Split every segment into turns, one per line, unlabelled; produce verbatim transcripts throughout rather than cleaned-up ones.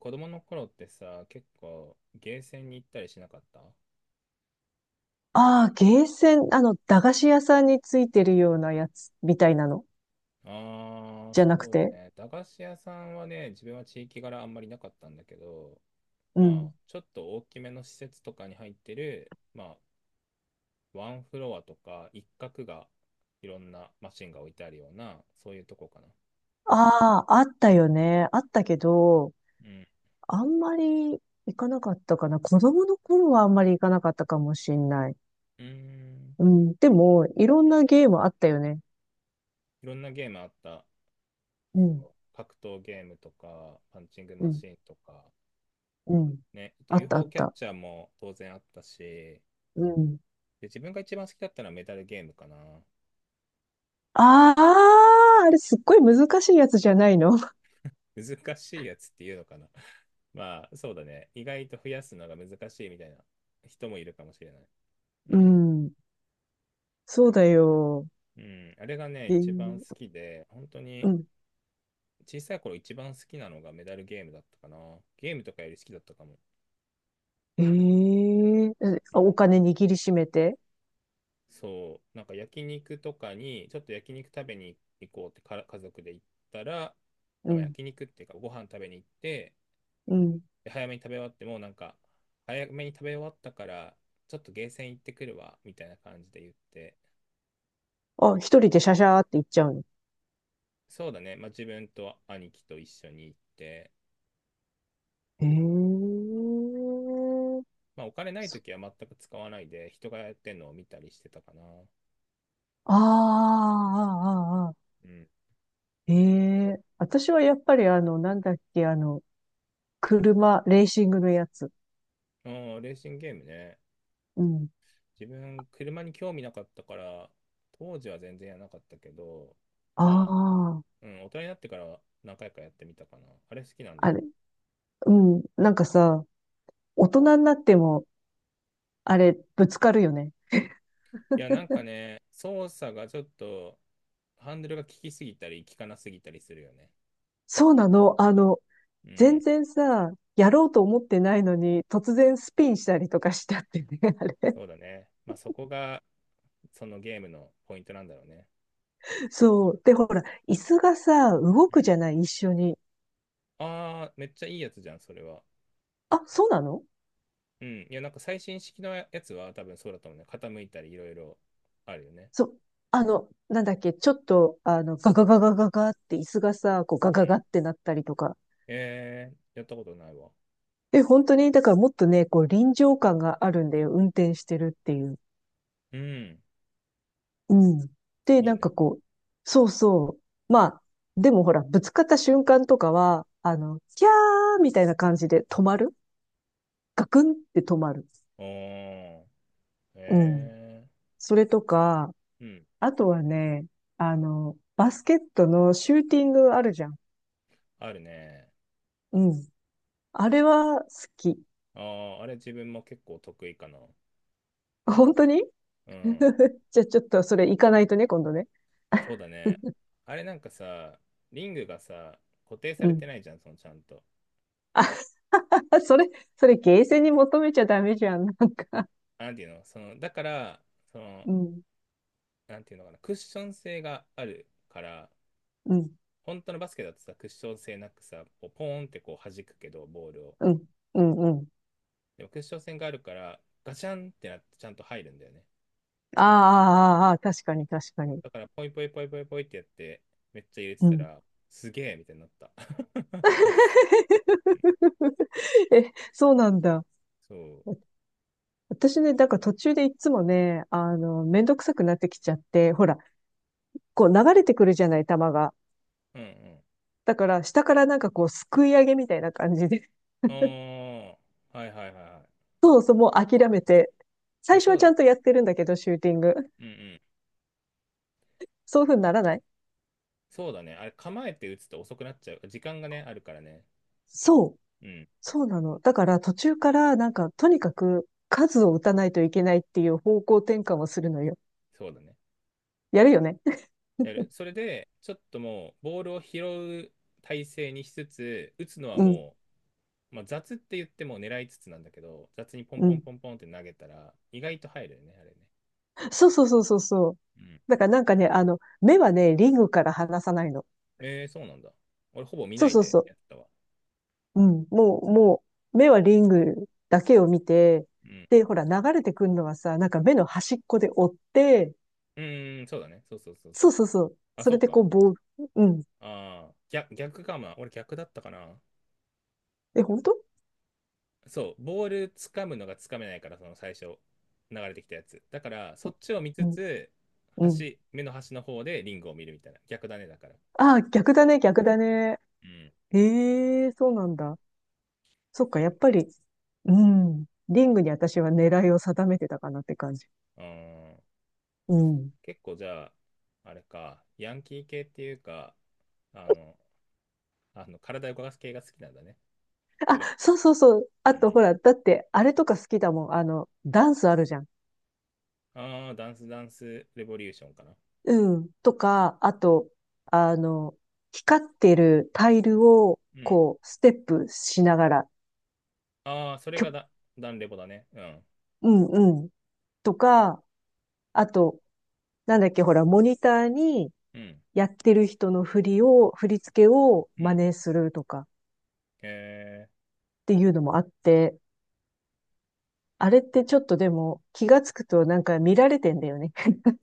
子供の頃ってさ、結構ゲーセンに行ったりしなかった？あ
ああ、ゲーセン、あの、駄菓子屋さんについてるようなやつみたいなの
あー、
じゃ
そ
なく
うだ
て。
ね。駄菓子屋さんはね、自分は地域柄あんまりなかったんだけど、
う
ま
ん。
あ、ちょっと大きめの施設とかに入ってる、まあ、ワンフロアとか一角がいろんなマシンが置いてあるような、そういうとこかな。
ああ、あったよね。あったけど、
うん。
あんまり行かなかったかな。子供の頃はあんまり行かなかったかもしんない。
うーん。
うん。でも、いろんなゲームあったよね。
いろんなゲームあった。
うん。
そう、格闘ゲームとか、パンチング
う
マ
ん。
シンとか、
うん。
ね、あと
あったあ
ユーフォー
っ
キャッ
た。
チャーも当然あったし、
うん。
で、自分が一番好きだったのはメタルゲームかな。
ああ、あれすっごい難しいやつじゃないの。
難しいやつっていうのかな。まあ、そうだね。意外と増やすのが難しいみたいな人もいるかもしれない。う
う
ん。
ん。そうだよ。
うん。あれがね、
え
一番好
ー
きで、本当
う
に
ん。
小さい頃一番好きなのがメダルゲームだったかな。ゲームとかより好きだったかも。
ええ、
うん。
あお金握りしめて。
そう、なんか焼肉とかに、ちょっと焼肉食べに行こうってから家族で行ったら、あ
う
まあ
ん。
焼肉っていうかご飯食べに行って、
うん。
で早めに食べ終わってもなんか早めに食べ終わったからちょっとゲーセン行ってくるわみたいな感じで言って、
あ、一人でシャシャーって行っちゃうの？
そうだね、まあ、自分と兄貴と一緒に行って、
ええ、
まあ、お金ない
そ
時は全く使わないで人がやってんのを見たりしてたかな。
ああ、ああ、あーあ
うん。
ー。ええ、私はやっぱりあの、なんだっけ、あの、車、レーシングのやつ。
あー、レーシングゲームね。
うん。
自分車に興味なかったから当時は全然やらなかったけど、
あ
まあ、
あ、
うん、大人になってから何回かやってみたかな。あれ好きなんだ？
あれ。うん。なんかさ、大人になっても、あれ、ぶつかるよね。
いや、なんかね、操作がちょっと、ハンドルが効きすぎたり、効かなすぎたりするよね。
そうなの？あの、
う
全
ん、
然さ、やろうと思ってないのに、突然スピンしたりとかしちゃってね、あれ。
そうだね。まあ、そこが、そのゲームのポイントなんだろうね。
そう。で、ほら、椅子がさ、動
う
く
ん。
じゃない、一緒に。
ああ、めっちゃいいやつじゃん、それは。
あ、そうなの？
うん。いや、なんか最新式のやつは多分そうだと思うね。傾いたり、いろいろあるよね。
そう。あの、なんだっけ、ちょっと、あの、ガガガガガガって椅子がさ、こうガ
う
ガ
ん。
ガってなったりとか。
えー、やったことないわ。
え、本当に、だからもっとね、こう臨場感があるんだよ、運転してるっていう。
うん。
うん。で、
い
な
い
んか
ね。
こう、そうそう。まあ、でもほら、ぶつかった瞬間とかは、あの、キャーみたいな感じで止まる、ガクンって止まる。
おー。
うん。
え
それとか、
ー。うん。
あとはね、あの、バスケットのシューティングあるじゃん。
あるね。
うん。あれは好き。
ああ、あれ自分も結構得意かな。
本当に？
うん。
じゃあちょっとそれ行かないとね、今度ね。
そうだね。あれなんかさ、リングがさ、固定さ
う
れ
ん。
てないじゃん、そのちゃんと。
あ それ、それゲーセンに求めちゃダメじゃん。
なんていうの、その、だから、そ の、
うん。
なんていうのかな、クッション性があるから、
うん。
本当のバスケだとさ、クッション性なくさ、こうポーンってこう弾くけど、ボールを。
うん。うん。うん。
でもクッション性があるから、ガチャンってなってちゃんと入るんだよね。
ああ、あーあー、あー確かに確かに。
だから、ポイポイポイポイポイってやって、めっちゃ入れて
う
た
ん。
ら、すげえみたいになった。
え、そうなんだ。
そう。
私ね、だから途中でいつもね、あの、めんどくさくなってきちゃって、ほら、こう流れてくるじゃない、球が。
うんうん。
だから、下からなんかこう、すくい上げみたいな感じで。
ああ、はいはいはいは
そうそう、もう諦めて。
い。いや、
最初
そう
はち
だ
ゃ
ね。
んとやってるんだけど、シューティング。
うん。
そういう風にならない？
そうだね。あれ、構えて打つと遅くなっちゃう。時間がね、あるからね。
そう。
うん。
そうなの。だから、途中からなんか、とにかく数を打たないといけないっていう方向転換をするのよ。
そうだね。
やるよね。
やる。それで、ちょっともう、ボールを拾う体勢にしつつ、打つのは
うん、
もう、まあ、雑って言っても狙いつつなんだけど、雑にポン
う
ポン
ん。
ポンポンって投げたら、意外と入るよね、あれね。
そうそうそうそうそう。
うん。
だからなんかね、あの、目はね、リングから離さないの。
えー、そうなんだ。俺、ほぼ見
そ
な
う
い
そう
で
そう。
やったわ。
うん、もう、もう、目はリングだけを見て、
うん。
で、ほら、流れてくるのはさ、なんか目の端っこで追って、
うーん、そうだね。そうそうそうそ
そう
う。
そうそう。
あ、
そ
そ
れ
う
で
か。
こう、ボール、うん。
ああ、逆、逆かもな。俺、逆だったかな。
え、本当？
そう、ボール掴むのが掴めないから、その最初、流れてきたやつ。だから、そっちを見つ
うん、
つ、
うん。
端、目の端の方でリングを見るみたいな。逆だね、だから。
ああ、逆だね、逆だね。
うん。
ええ、そうなんだ。そっか、
そ
や
う。
っぱり、うん。リングに私は狙いを定めてたかなって感じ。
うーん。
うん。
結構じゃあ、あれか、ヤンキー系っていうか、あの、あの体を動かす系が好きなんだね。く
あ、
る。
そうそうそう。あ
う
と、
ん。
ほら、だって、あれとか好きだもん。あの、ダンスあるじゃん。
ああ、ダンスダンスレボリューションかな。
うん。とか、あと、あの、光ってるタイルを、
うん。
こう、ステップしながら、
ああ、それ
きょ、
がダ、ダンレボだね。
うんうん。とか、あと、なんだっけ、ほら、モニターに
うん。
やってる人の振りを、振り付けを
うん。う
真
ん。
似するとかっ
へえ。
ていうのもあって、あれってちょっとでも気がつくとなんか見られてんだよね。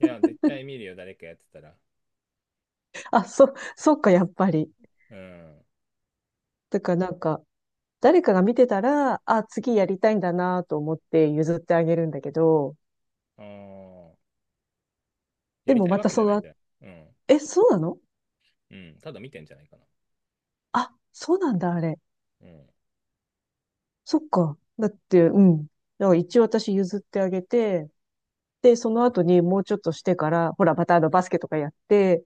い や、絶対見るよ、誰かやってたら。
あ、そ、そっか、やっぱり。
うん。
だからなんか、誰かが見てたら、あ、次やりたいんだなと思って譲ってあげるんだけど、
ああ、や
で
り
も
たい
ま
わ
た
けじゃ
そ
ない
の、
じゃん。うん。
え、そうなの？
うん。ただ見てんじゃないかな。
あ、そうなんだ、あれ。
うん。
そっか。だって、うん。だから一応私譲ってあげて、で、その後にもうちょっとしてから、ほら、またあのバスケとかやって、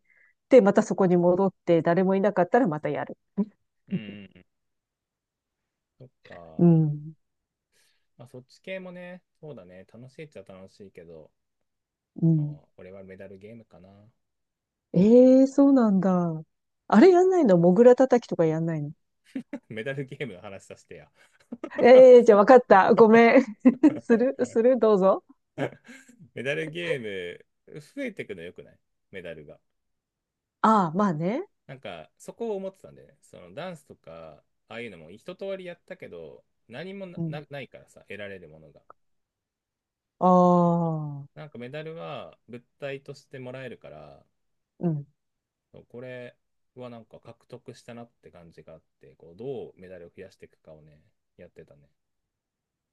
で、またそこに戻って、誰もいなかったらまたやる。
うんうんうん。そっか。
うん。
まあ、そっち系もね、そうだね。楽しいっちゃ楽しいけど、
う
ま
ん。
あ、俺はメダルゲームかな。
ええ、そうなんだ。あれやんないの？モグラ叩きとかやんないの？
メダルゲームの話させてや。
ええー、 じゃあわかった。ごめん。するするどうぞ。
メダルゲーム、増えてくのよくない？メダルが。
ああ、まあね。
なんか、そこを思ってたんだよね。そのダンスとか、ああいうのも一通りやったけど、何もな、
うん。
なないからさ、得られるものが。
ああ。
なんかメダルは物体としてもらえるから、
うん。
これはなんか獲得したなって感じがあって、こうどうメダルを増やしていくかをね、やってたね。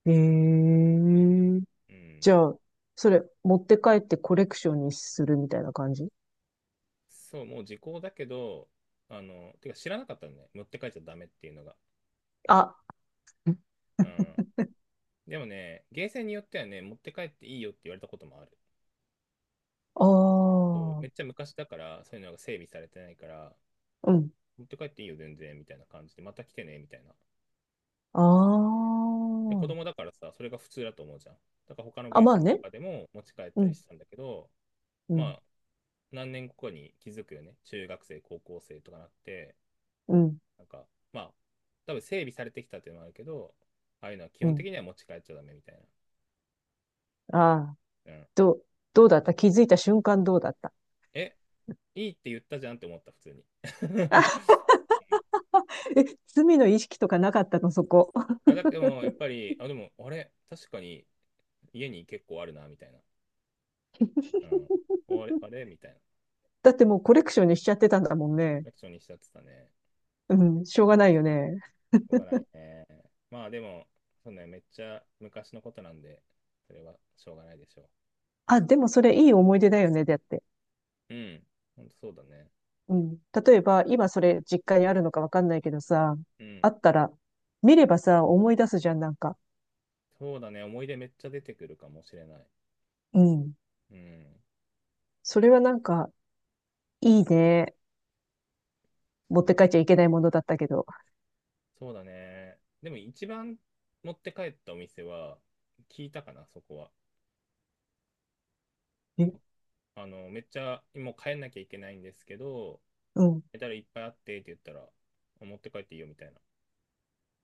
へえ。
う
じ
ん。
ゃあ、それ、持って帰ってコレクションにするみたいな感じ？
そう、もう時効だけど、あの、てか知らなかったのね。持って帰っちゃダメっていうのが。
あ、ん、
うん。でもね、ゲーセンによってはね、持って帰っていいよって言われたこともある。
あ
そう、
あ、
めっちゃ昔だから、そういうのが整備されてないから、
うん、
持って帰っていいよ全然、みたいな感じで、また来てね、みたいな。
あ
で、子
あ。
供だからさ、それが普通だと思うじゃん。だから他の
あ、
ゲー
ま
セ
あ
ンと
ね。
かでも持ち帰っ
う
たり
ん、
したんだけど、
う
ま
ん、
あ、何年後かに気づくよね。中学生、高校生とかなって、
うん、
なんか、まあ、多分整備されてきたっていうのもあるけど、ああいうのは基
う
本
ん。
的には持ち帰っちゃダメみたい
ああ、
な。うん。
どう、どうだった？気づいた瞬間どうだった？
え、いいって言ったじゃんって思った、普通に。
え、罪の意識とかなかったの、そこ？
あ、だでも、やっぱり、あ、でも、あれ、確かに家に結構あるな、みたいな。うん。あれ、あれみたいな。
だってもうコレクションにしちゃってたんだもんね。
楽勝にしちゃってたね。
うん、しょうがないよね。
しょうがないね。まあ、でも、そうね、めっちゃ昔のことなんで、それはしょうがないでしょ
あ、でもそれいい思い出だよね、だって。
う。うん。ほんとそうだね。
うん。例えば、今それ実家にあるのかわかんないけどさ、
うん。
あったら、見ればさ、思い出すじゃん、なんか。
そうだね、思い出めっちゃ出てくるかもしれない。
うん。
うん、
それはなんか、いいね。
そ
持
う
って
だ、
帰っちゃいけないものだったけど。
そうだね。でも一番持って帰ったお店は、聞いたかな、そこは。
え、
あの、めっちゃ、もう帰んなきゃいけないんですけど、
うん。
メダルいっぱいあってって言ったら、持って帰っていいよみたいな。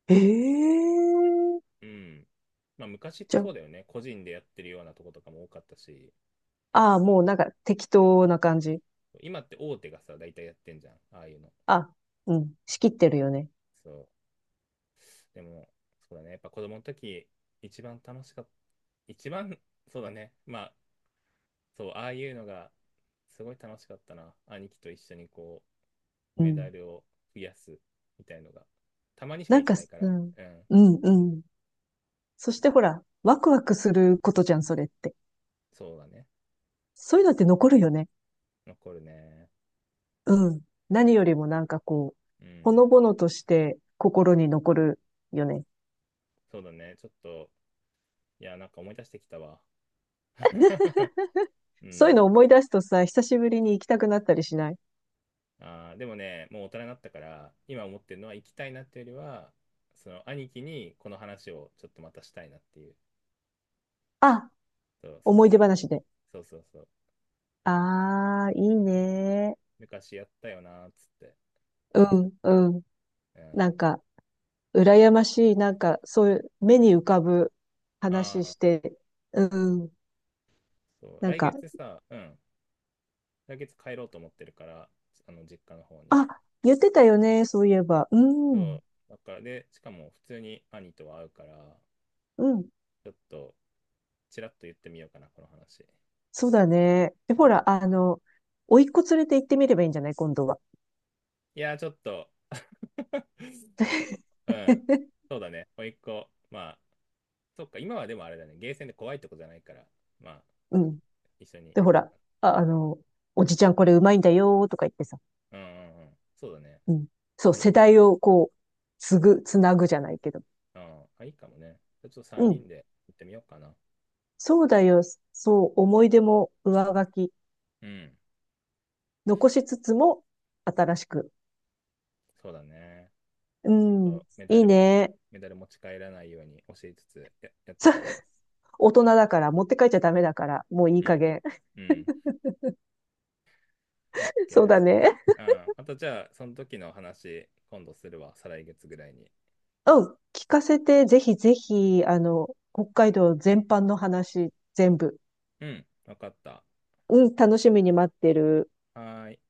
ええ。
うん。まあ昔って
じゃ
そうだよね。個人でやってるようなとことかも多かったし、
あ、ああ、もうなんか適当な感じ。
今って大手がさ、大体やってんじゃん、ああいうの。
あ、うん。仕切ってるよね。
そう。でも、そうだね。やっぱ子供の時、一番楽しかった。一番、そうだね。まあ、そう、ああいうのが、すごい楽しかったな。兄貴と一緒にこう、
う
メダ
ん。
ルを増やすみたいのが、たまにしか
なん
行け
か、
ないか
う
ら、
ん。
うん、
うん、うん。そしてほら、ワクワクすることじゃん、それって。
そうだね。
そういうのって残るよね。
残るね。
うん。何よりもなんかこう、
う
ほ
ん、
のぼのとして心に残るよね。
そうだね。ちょっと、いや、なんか思い出してきたわ。う
そういう
ん。
の思い出すとさ、久しぶりに行きたくなったりしない？
あーでもね、もう大人になったから、今思ってるのは行きたいなっていうよりは、その兄貴にこの話をちょっとまたしたいなっていう。
あ、
そう、そっ
思い
ち
出
だね。
話で。
そうそうそう。
ああ、いいね。
昔やったよなーっつって。
うん、うん。
うん。
なんか、羨ましい、なんか、そういう目に浮かぶ
あ
話
あ、
して、うん。
そう。
なん
来
か、
月さ、うん。来月帰ろうと思ってるから、あの、実家の方に。
あ、言ってたよね、そういえば。う
そ
ん、
う。だから、で、しかも普通に兄とは会うから、
うん。
ちょっと、ちらっと言ってみようかな、この話。
そうだね。で、ほら、あの、甥っ子連れて行ってみればいいんじゃない、今度は。
いやー、ちょっと うん。そうだね。甥っ子。まあ、そっか、今はでもあれだね。ゲーセンで怖いとこじゃないから、まあ、
うん。
一緒に
で、ほ
行こ
ら、
うか
あ、あの、おじちゃんこれうまいんだよーとか言ってさ。
な。うんうんうん。そうだね。
うん。そう、
あい、
世代をこう、つぐ、つなぐじゃないけど。
うん、あ、いいかもね。ちょっと3
うん。
人で行ってみようかな。
そうだよ。そう、思い出も上書き。
うん。
残しつつも、新しく。
そうだね。
う
ちょ
ん。
っとメダ
いい
ルも、
ね。
メダル持ち帰らないように教えつつ、や、やっ て
そう、
くるわ。
大人だから、持って帰っちゃダメだから、もういい
う
加
ん。
減。
うん。オッケ
そう
ー。
だね。
うん。またじゃあ、その時の話、今度するわ。再来月ぐらいに。
うん。聞かせて、ぜひぜひ、あの、北海道全般の話、全部。
うん。わかった。
うん、楽しみに待ってる。
はい。